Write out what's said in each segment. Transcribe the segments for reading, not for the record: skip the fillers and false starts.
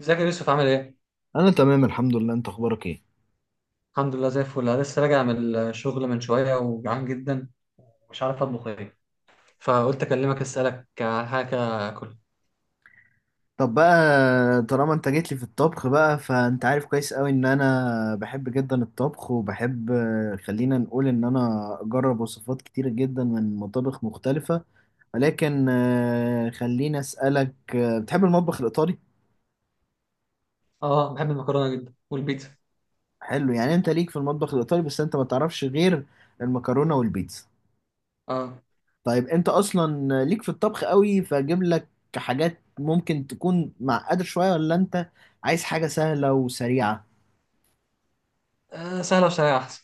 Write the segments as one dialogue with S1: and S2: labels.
S1: ازيك يا يوسف؟ عامل ايه؟
S2: انا تمام، الحمد لله. انت اخبارك ايه؟
S1: الحمد لله زي الفل. انا لسه راجع من الشغل من شويه وجعان جدا ومش عارف اطبخ ايه، فقلت اكلمك اسالك على حاجه اكل.
S2: طب بقى، طالما انت جيت لي في الطبخ بقى، فانت عارف كويس قوي ان انا بحب جدا الطبخ وبحب، خلينا نقول ان انا اجرب وصفات كتيرة جدا من مطابخ مختلفة. ولكن خليني اسألك، بتحب المطبخ الايطالي؟
S1: اه بحب المكرونه جدا والبيتزا.
S2: حلو، يعني انت ليك في المطبخ الايطالي بس انت ما تعرفش غير المكرونة والبيتزا.
S1: اه.
S2: طيب انت اصلا ليك في الطبخ قوي، فاجيب لك حاجات ممكن تكون معقدة شوية، ولا انت عايز حاجة سهلة وسريعة؟
S1: آه، سهله وسريعه احسن.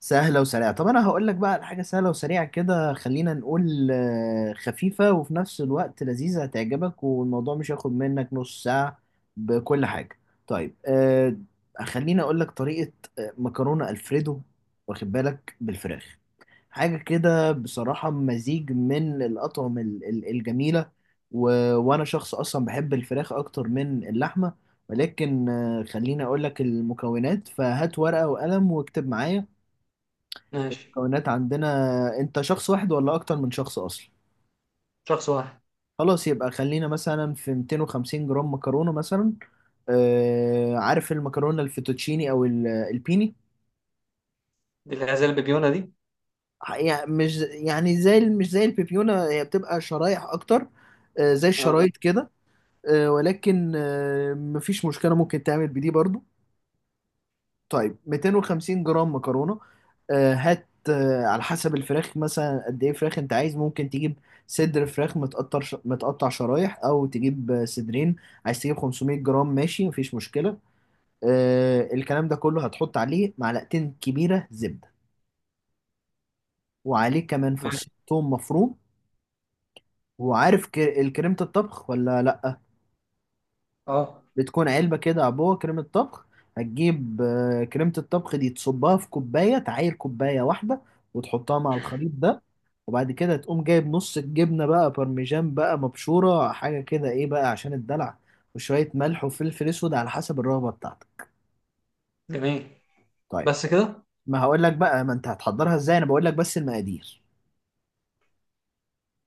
S2: سهلة وسريعة. طب أنا هقول لك بقى على حاجة سهلة وسريعة كده، خلينا نقول خفيفة وفي نفس الوقت لذيذة، هتعجبك. والموضوع مش هياخد منك نص ساعة بكل حاجة. طيب خليني أقول لك طريقة مكرونة ألفريدو. واخد بالك؟ بالفراخ، حاجة كده بصراحة مزيج من الأطعمة الجميلة. و... وأنا شخص أصلا بحب الفراخ أكتر من اللحمة. ولكن خليني أقول لك المكونات. فهات ورقة وقلم واكتب معايا.
S1: ماشي.
S2: مكونات عندنا، انت شخص واحد ولا اكتر من شخص اصلا؟
S1: شخص واحد.
S2: خلاص، يبقى خلينا مثلا في 250 جرام مكرونة مثلا. آه، عارف المكرونة الفيتوتشيني او البيني؟
S1: دي اللي زي البيبيونه دي؟
S2: يعني مش يعني زي مش زي البيبيونة، هي بتبقى شرايح اكتر، آه زي
S1: اه.
S2: الشرايط كده. آه ولكن آه مفيش مشكلة، ممكن تعمل بدي برضو. طيب 250 جرام مكرونة. هات على حسب الفراخ، مثلا قد ايه فراخ انت عايز؟ ممكن تجيب صدر فراخ متقطع متقطع شرايح، او تجيب صدرين. عايز تجيب 500 جرام؟ ماشي مفيش مشكلة. الكلام ده كله هتحط عليه معلقتين كبيرة زبدة، وعليه كمان فص
S1: ماشي.
S2: ثوم مفروم. وعارف الكريمة الطبخ ولا لأ؟
S1: اه.
S2: بتكون علبة كده، عبوة كريمة طبخ. هتجيب كريمة الطبخ دي تصبها في كوباية، تعاير كوباية واحدة، وتحطها مع الخليط ده. وبعد كده تقوم جايب نص الجبنة بقى بارميجان بقى، مبشورة، حاجة كده ايه بقى عشان الدلع. وشوية ملح وفلفل اسود على حسب الرغبة بتاعتك.
S1: جميل.
S2: طيب،
S1: بس كده؟
S2: ما هقول لك بقى ما انت هتحضرها ازاي، انا بقول لك بس المقادير.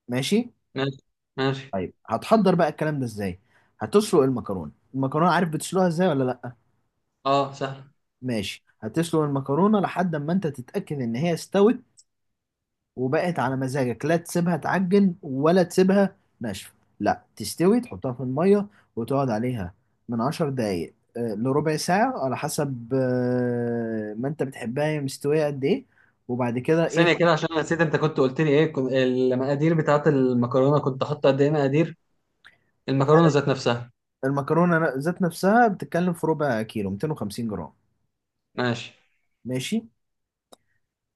S2: ماشي.
S1: ماشي. ماشي.
S2: طيب هتحضر بقى الكلام ده ازاي. هتسلق المكرونة. المكرونة عارف بتسلقها ازاي ولا لا؟
S1: اه سهل.
S2: ماشي، هتسلق المكرونة لحد ما انت تتأكد ان هي استوت وبقت على مزاجك، لا تسيبها تعجن ولا تسيبها ناشفة. لا تستوي، تحطها في المية وتقعد عليها من 10 دقايق لربع ساعة على حسب ما انت بتحبها هي مستوية قد ايه. وبعد كده
S1: ثانيه
S2: ايه.
S1: كده، عشان أنا نسيت انت كنت قلت لي ايه. المقادير بتاعت المكرونه كنت حاطط قد ايه مقادير؟ المكرونه ذات نفسها.
S2: المكرونة ذات نفسها بتتكلم في ربع كيلو، 250 جرام.
S1: ماشي.
S2: ماشي.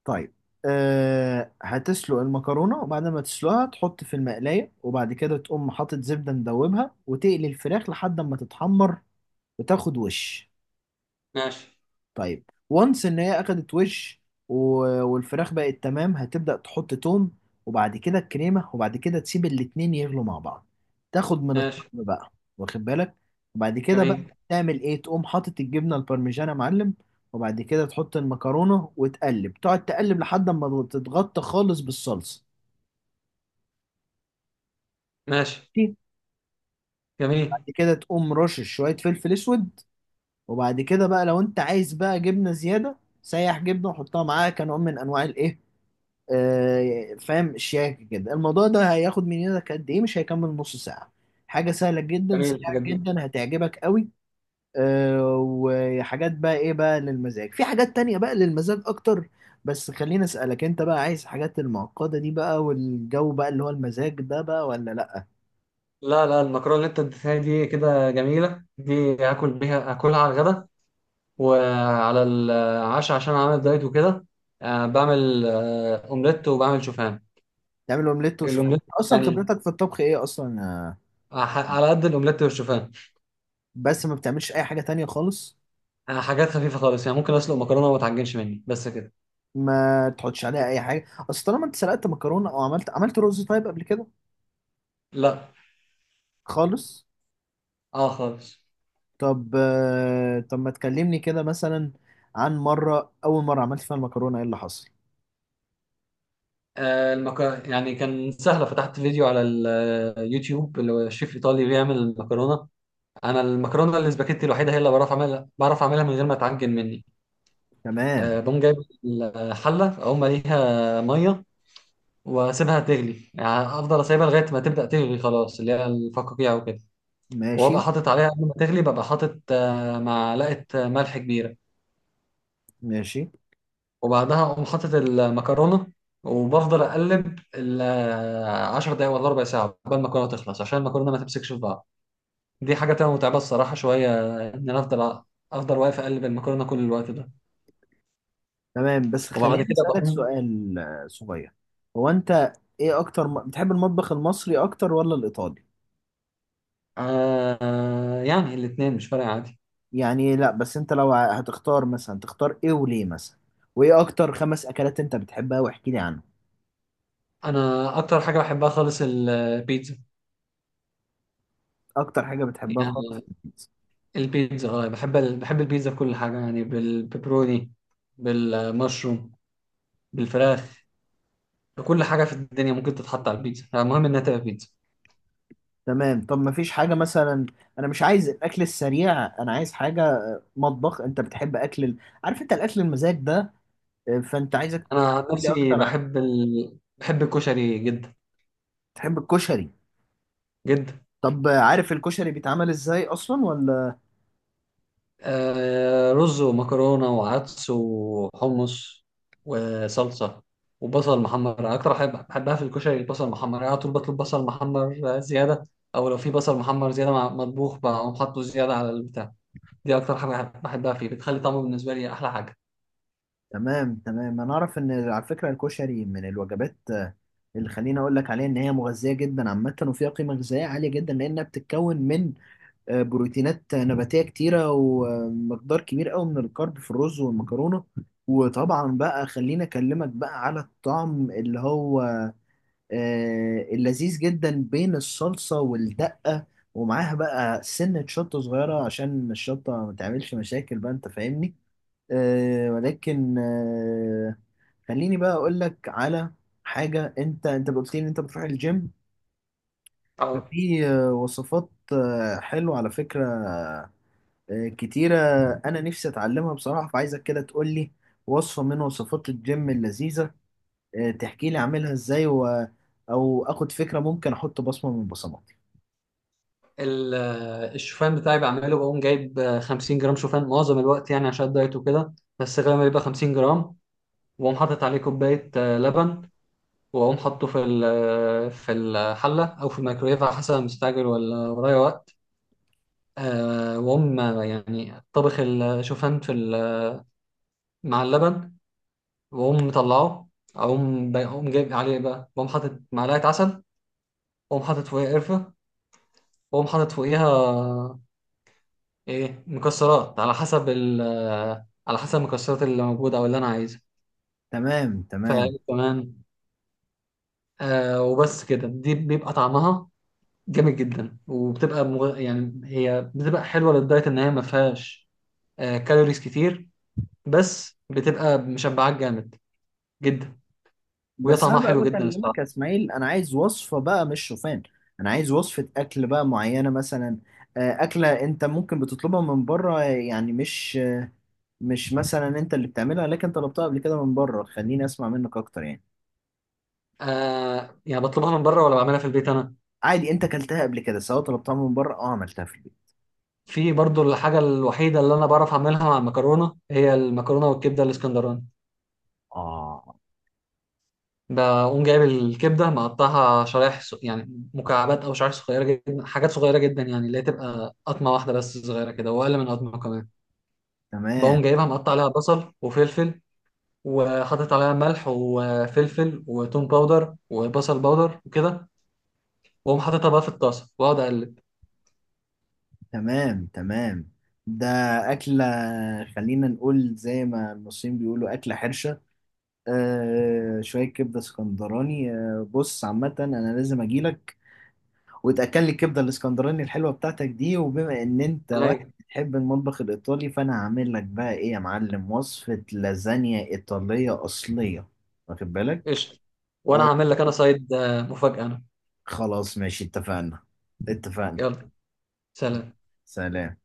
S2: طيب، أه هتسلق المكرونة، وبعد ما تسلقها تحط في المقلاية، وبعد كده تقوم حاطط زبدة مدوبها وتقلي الفراخ لحد ما تتحمر وتاخد وش.
S1: ماشي.
S2: طيب وانس ان هي اخدت وش، والفراخ بقت تمام، هتبدأ تحط توم، وبعد كده الكريمة، وبعد كده تسيب الاتنين يغلوا مع بعض. تاخد من
S1: ماشي.
S2: الطعم بقى. واخد بالك. وبعد كده بقى
S1: جميل.
S2: تعمل ايه؟ تقوم حاطط الجبنة البارميجانا يا معلم. وبعد كده تحط المكرونة وتقلب، تقعد تقلب لحد ما تتغطى خالص بالصلصة.
S1: ماشي. جميل.
S2: بعد كده تقوم رشش شوية فلفل اسود. وبعد كده بقى لو انت عايز بقى جبنة زيادة، سيح جبنة وحطها معاها كنوع من انواع الايه، فاهم، شياكة كده. الموضوع ده هياخد من يدك قد ايه؟ مش هيكمل نص ساعة. حاجة سهلة جدا
S1: جميل
S2: سريعة
S1: الحاجات دي.
S2: جدا، هتعجبك قوي. وحاجات بقى ايه بقى للمزاج، في حاجات تانية بقى للمزاج اكتر. بس خليني اسألك، انت بقى عايز حاجات المعقدة دي بقى، والجو بقى اللي هو المزاج ده بقى، ولا لا؟
S1: لا لا، المكرونة اللي انت اديتها لي دي كده جميلة، دي هاكل بيها، هاكلها على الغدا وعلى العشاء عشان عامل دايت وكده. بعمل اومليت وبعمل شوفان.
S2: تعمل اومليت وشوف.
S1: الاومليت
S2: اصلا
S1: يعني
S2: خبرتك في الطبخ ايه اصلا،
S1: على قد الاومليت والشوفان.
S2: بس ما بتعملش اي حاجة تانية خالص؟
S1: حاجات خفيفة خالص، يعني ممكن اسلق مكرونة وما تعجنش مني بس كده.
S2: ما تحطش عليها اي حاجة. اصل طالما انت سلقت مكرونة او عملت رز طيب قبل كده.
S1: لا.
S2: خالص.
S1: اه خالص.
S2: طب طب ما تكلمني كده مثلا عن مرة أول مرة عملت فيها المكرونة، إيه اللي حصل؟
S1: آه، المك... يعني كان سهلة، فتحت فيديو على اليوتيوب اللي هو شيف ايطالي بيعمل المكرونة. انا المكرونه الاسباجيتي الوحيده هي اللي بعرف اعملها، بعرف اعملها من غير ما تعجن مني.
S2: تمام.
S1: أه، بقوم جايب الحله اقوم مليها ميه واسيبها تغلي، يعني افضل اسيبها لغايه ما تبدا تغلي خلاص اللي هي الفقاقيع وكده.
S2: ماشي
S1: وابقى حاطط عليها قبل ما تغلي، ببقى حاطط معلقه ملح كبيره.
S2: ماشي.
S1: وبعدها اقوم حاطط المكرونه وبفضل اقلب ال 10 دقايق ولا ربع ساعه قبل المكرونه تخلص عشان المكرونه ما تمسكش في بعض. دي حاجه تبقى متعبه الصراحه شويه، ان انا افضل واقف اقلب المكرونه كل الوقت ده.
S2: تمام. بس
S1: وبعد
S2: خليني
S1: كده
S2: أسألك
S1: بقوم.
S2: سؤال صغير. هو أنت إيه أكتر بتحب المطبخ المصري أكتر ولا الإيطالي؟
S1: آه، يعني الاتنين مش فارقة عادي.
S2: يعني لا، بس أنت لو هتختار مثلا، تختار إيه وليه مثلا؟ وإيه أكتر 5 أكلات أنت بتحبها؟ واحكي لي عنهم.
S1: أنا أكتر حاجة بحبها خالص البيتزا.
S2: أكتر حاجة بتحبها خالص؟
S1: يعني البيتزا، اه بحب بحب البيتزا بكل حاجة، يعني بالبيبروني، بالمشروم، بالفراخ، بكل حاجة في الدنيا ممكن تتحط على البيتزا، يعني المهم إنها تبقى بيتزا.
S2: تمام. طب ما فيش حاجة مثلا؟ أنا مش عايز الأكل السريع، أنا عايز حاجة مطبخ. أنت بتحب أكل عارف أنت الأكل المزاج ده. فأنت عايزك
S1: أنا عن
S2: تحكيلي
S1: نفسي
S2: أكتر عن،
S1: بحب بحب الكشري جدا.
S2: تحب الكشري.
S1: جدا.
S2: طب عارف الكشري بيتعمل إزاي أصلا ولا؟
S1: آه، رز ومكرونة وعدس وحمص وصلصة وبصل محمر. أكتر حاجة بحبها في الكشري البصل المحمر، يعني على طول بطلب بصل محمر زيادة، أو لو في بصل محمر زيادة مع مطبوخ بقوم حاطه زيادة على البتاع. دي أكتر حاجة بحبها فيه، بتخلي طعمه بالنسبة لي أحلى حاجة.
S2: تمام تمام. أنا أعرف إن على فكرة الكشري من الوجبات اللي خليني أقول لك عليها إن هي مغذية جدا عامة، وفيها قيمة غذائية عالية جدا، لأنها بتتكون من بروتينات نباتية كتيرة، ومقدار كبير قوي من الكارب في الرز والمكرونة. وطبعا بقى خليني أكلمك بقى على الطعم اللي هو اللذيذ جدا بين الصلصة والدقة. ومعاها بقى سنة شطة صغيرة عشان الشطة ما تعملش مشاكل بقى، أنت فاهمني. ولكن خليني بقى أقول لك على حاجة. أنت قلت لي إن أنت بتروح الجيم،
S1: اه.
S2: ففي وصفات حلوة على فكرة كتيرة أنا نفسي أتعلمها بصراحة. فعايزك كده تقول لي وصفة من وصفات الجيم اللذيذة. تحكي لي أعملها إزاي أو آخد فكرة، ممكن أحط بصمة من بصماتي.
S1: الشوفان بتاعي بعمله بقوم جايب 50 جرام شوفان معظم الوقت، يعني عشان الدايت وكده، بس غالبا بيبقى 50 جرام. وأقوم حاطط عليه كوباية لبن، واقوم حاطه في الحله او في الميكرويف على حسب أنا مستعجل ولا ورايا وقت. واقوم يعني طبخ الشوفان مع اللبن، واقوم مطلعه. اقوم جايب عليه بقى، واقوم حاطط معلقه عسل، واقوم حاطط فوقيها قرفه، واقوم حاطط فوقيها ايه مكسرات على حسب على حسب المكسرات اللي موجوده او اللي انا عايزها.
S2: تمام تمام.
S1: فكمان آه، وبس كده، دي بيبقى طعمها جامد جدا. يعني هي بتبقى حلوه للدايت ان هي ما فيهاش كالوريز كتير، بس بتبقى مشبعاك جامد جدا. وهي
S2: بس أنا
S1: طعمها
S2: بقى
S1: حلو جدا
S2: بكلمك
S1: الصراحه.
S2: يا إسماعيل، أنا عايز وصفة بقى مش شوفان. أنا عايز وصفة أكل بقى معينة مثلا، أكلة أنت ممكن بتطلبها من بره يعني، مش مثلا أنت اللي بتعملها، لكن طلبتها قبل كده من بره. خليني أسمع منك أكتر يعني.
S1: آه، يعني بطلبها من بره ولا بعملها في البيت انا؟
S2: عادي أنت أكلتها قبل كده سواء طلبتها من بره أو عملتها في البيت.
S1: في برضو الحاجه الوحيده اللي انا بعرف اعملها مع المكرونه هي المكرونه والكبده الاسكندراني.
S2: آه.
S1: بقوم جايب الكبده مقطعها يعني مكعبات او شرايح صغيره جدا، حاجات صغيره جدا، يعني اللي هي تبقى قطمه واحده بس صغيره كده، واقل من قطمه كمان.
S2: تمام
S1: بقوم جايبها مقطع عليها بصل وفلفل، وحاطط عليها ملح وفلفل وتوم باودر وبصل باودر وكده، واقوم حاططها بقى في الطاسه واقعد اقلب.
S2: تمام. تمام. ده أكلة، خلينا نقول زي ما المصريين بيقولوا أكلة حرشة، آه، شوية كبدة اسكندراني. آه بص، عامة أنا لازم أجيلك وتأكل لي الكبدة الاسكندراني الحلوة بتاعتك دي. وبما إن أنت
S1: انا
S2: واحد
S1: إيه؟
S2: بتحب المطبخ الإيطالي، فأنا هعمل لك بقى إيه يا معلم؟ وصفة لازانيا إيطالية أصلية. واخد بالك؟
S1: قشطه. وانا
S2: آه.
S1: هعمل لك انا سايد مفاجاه انا.
S2: خلاص ماشي، اتفقنا اتفقنا.
S1: يلا، سلام.
S2: سلام.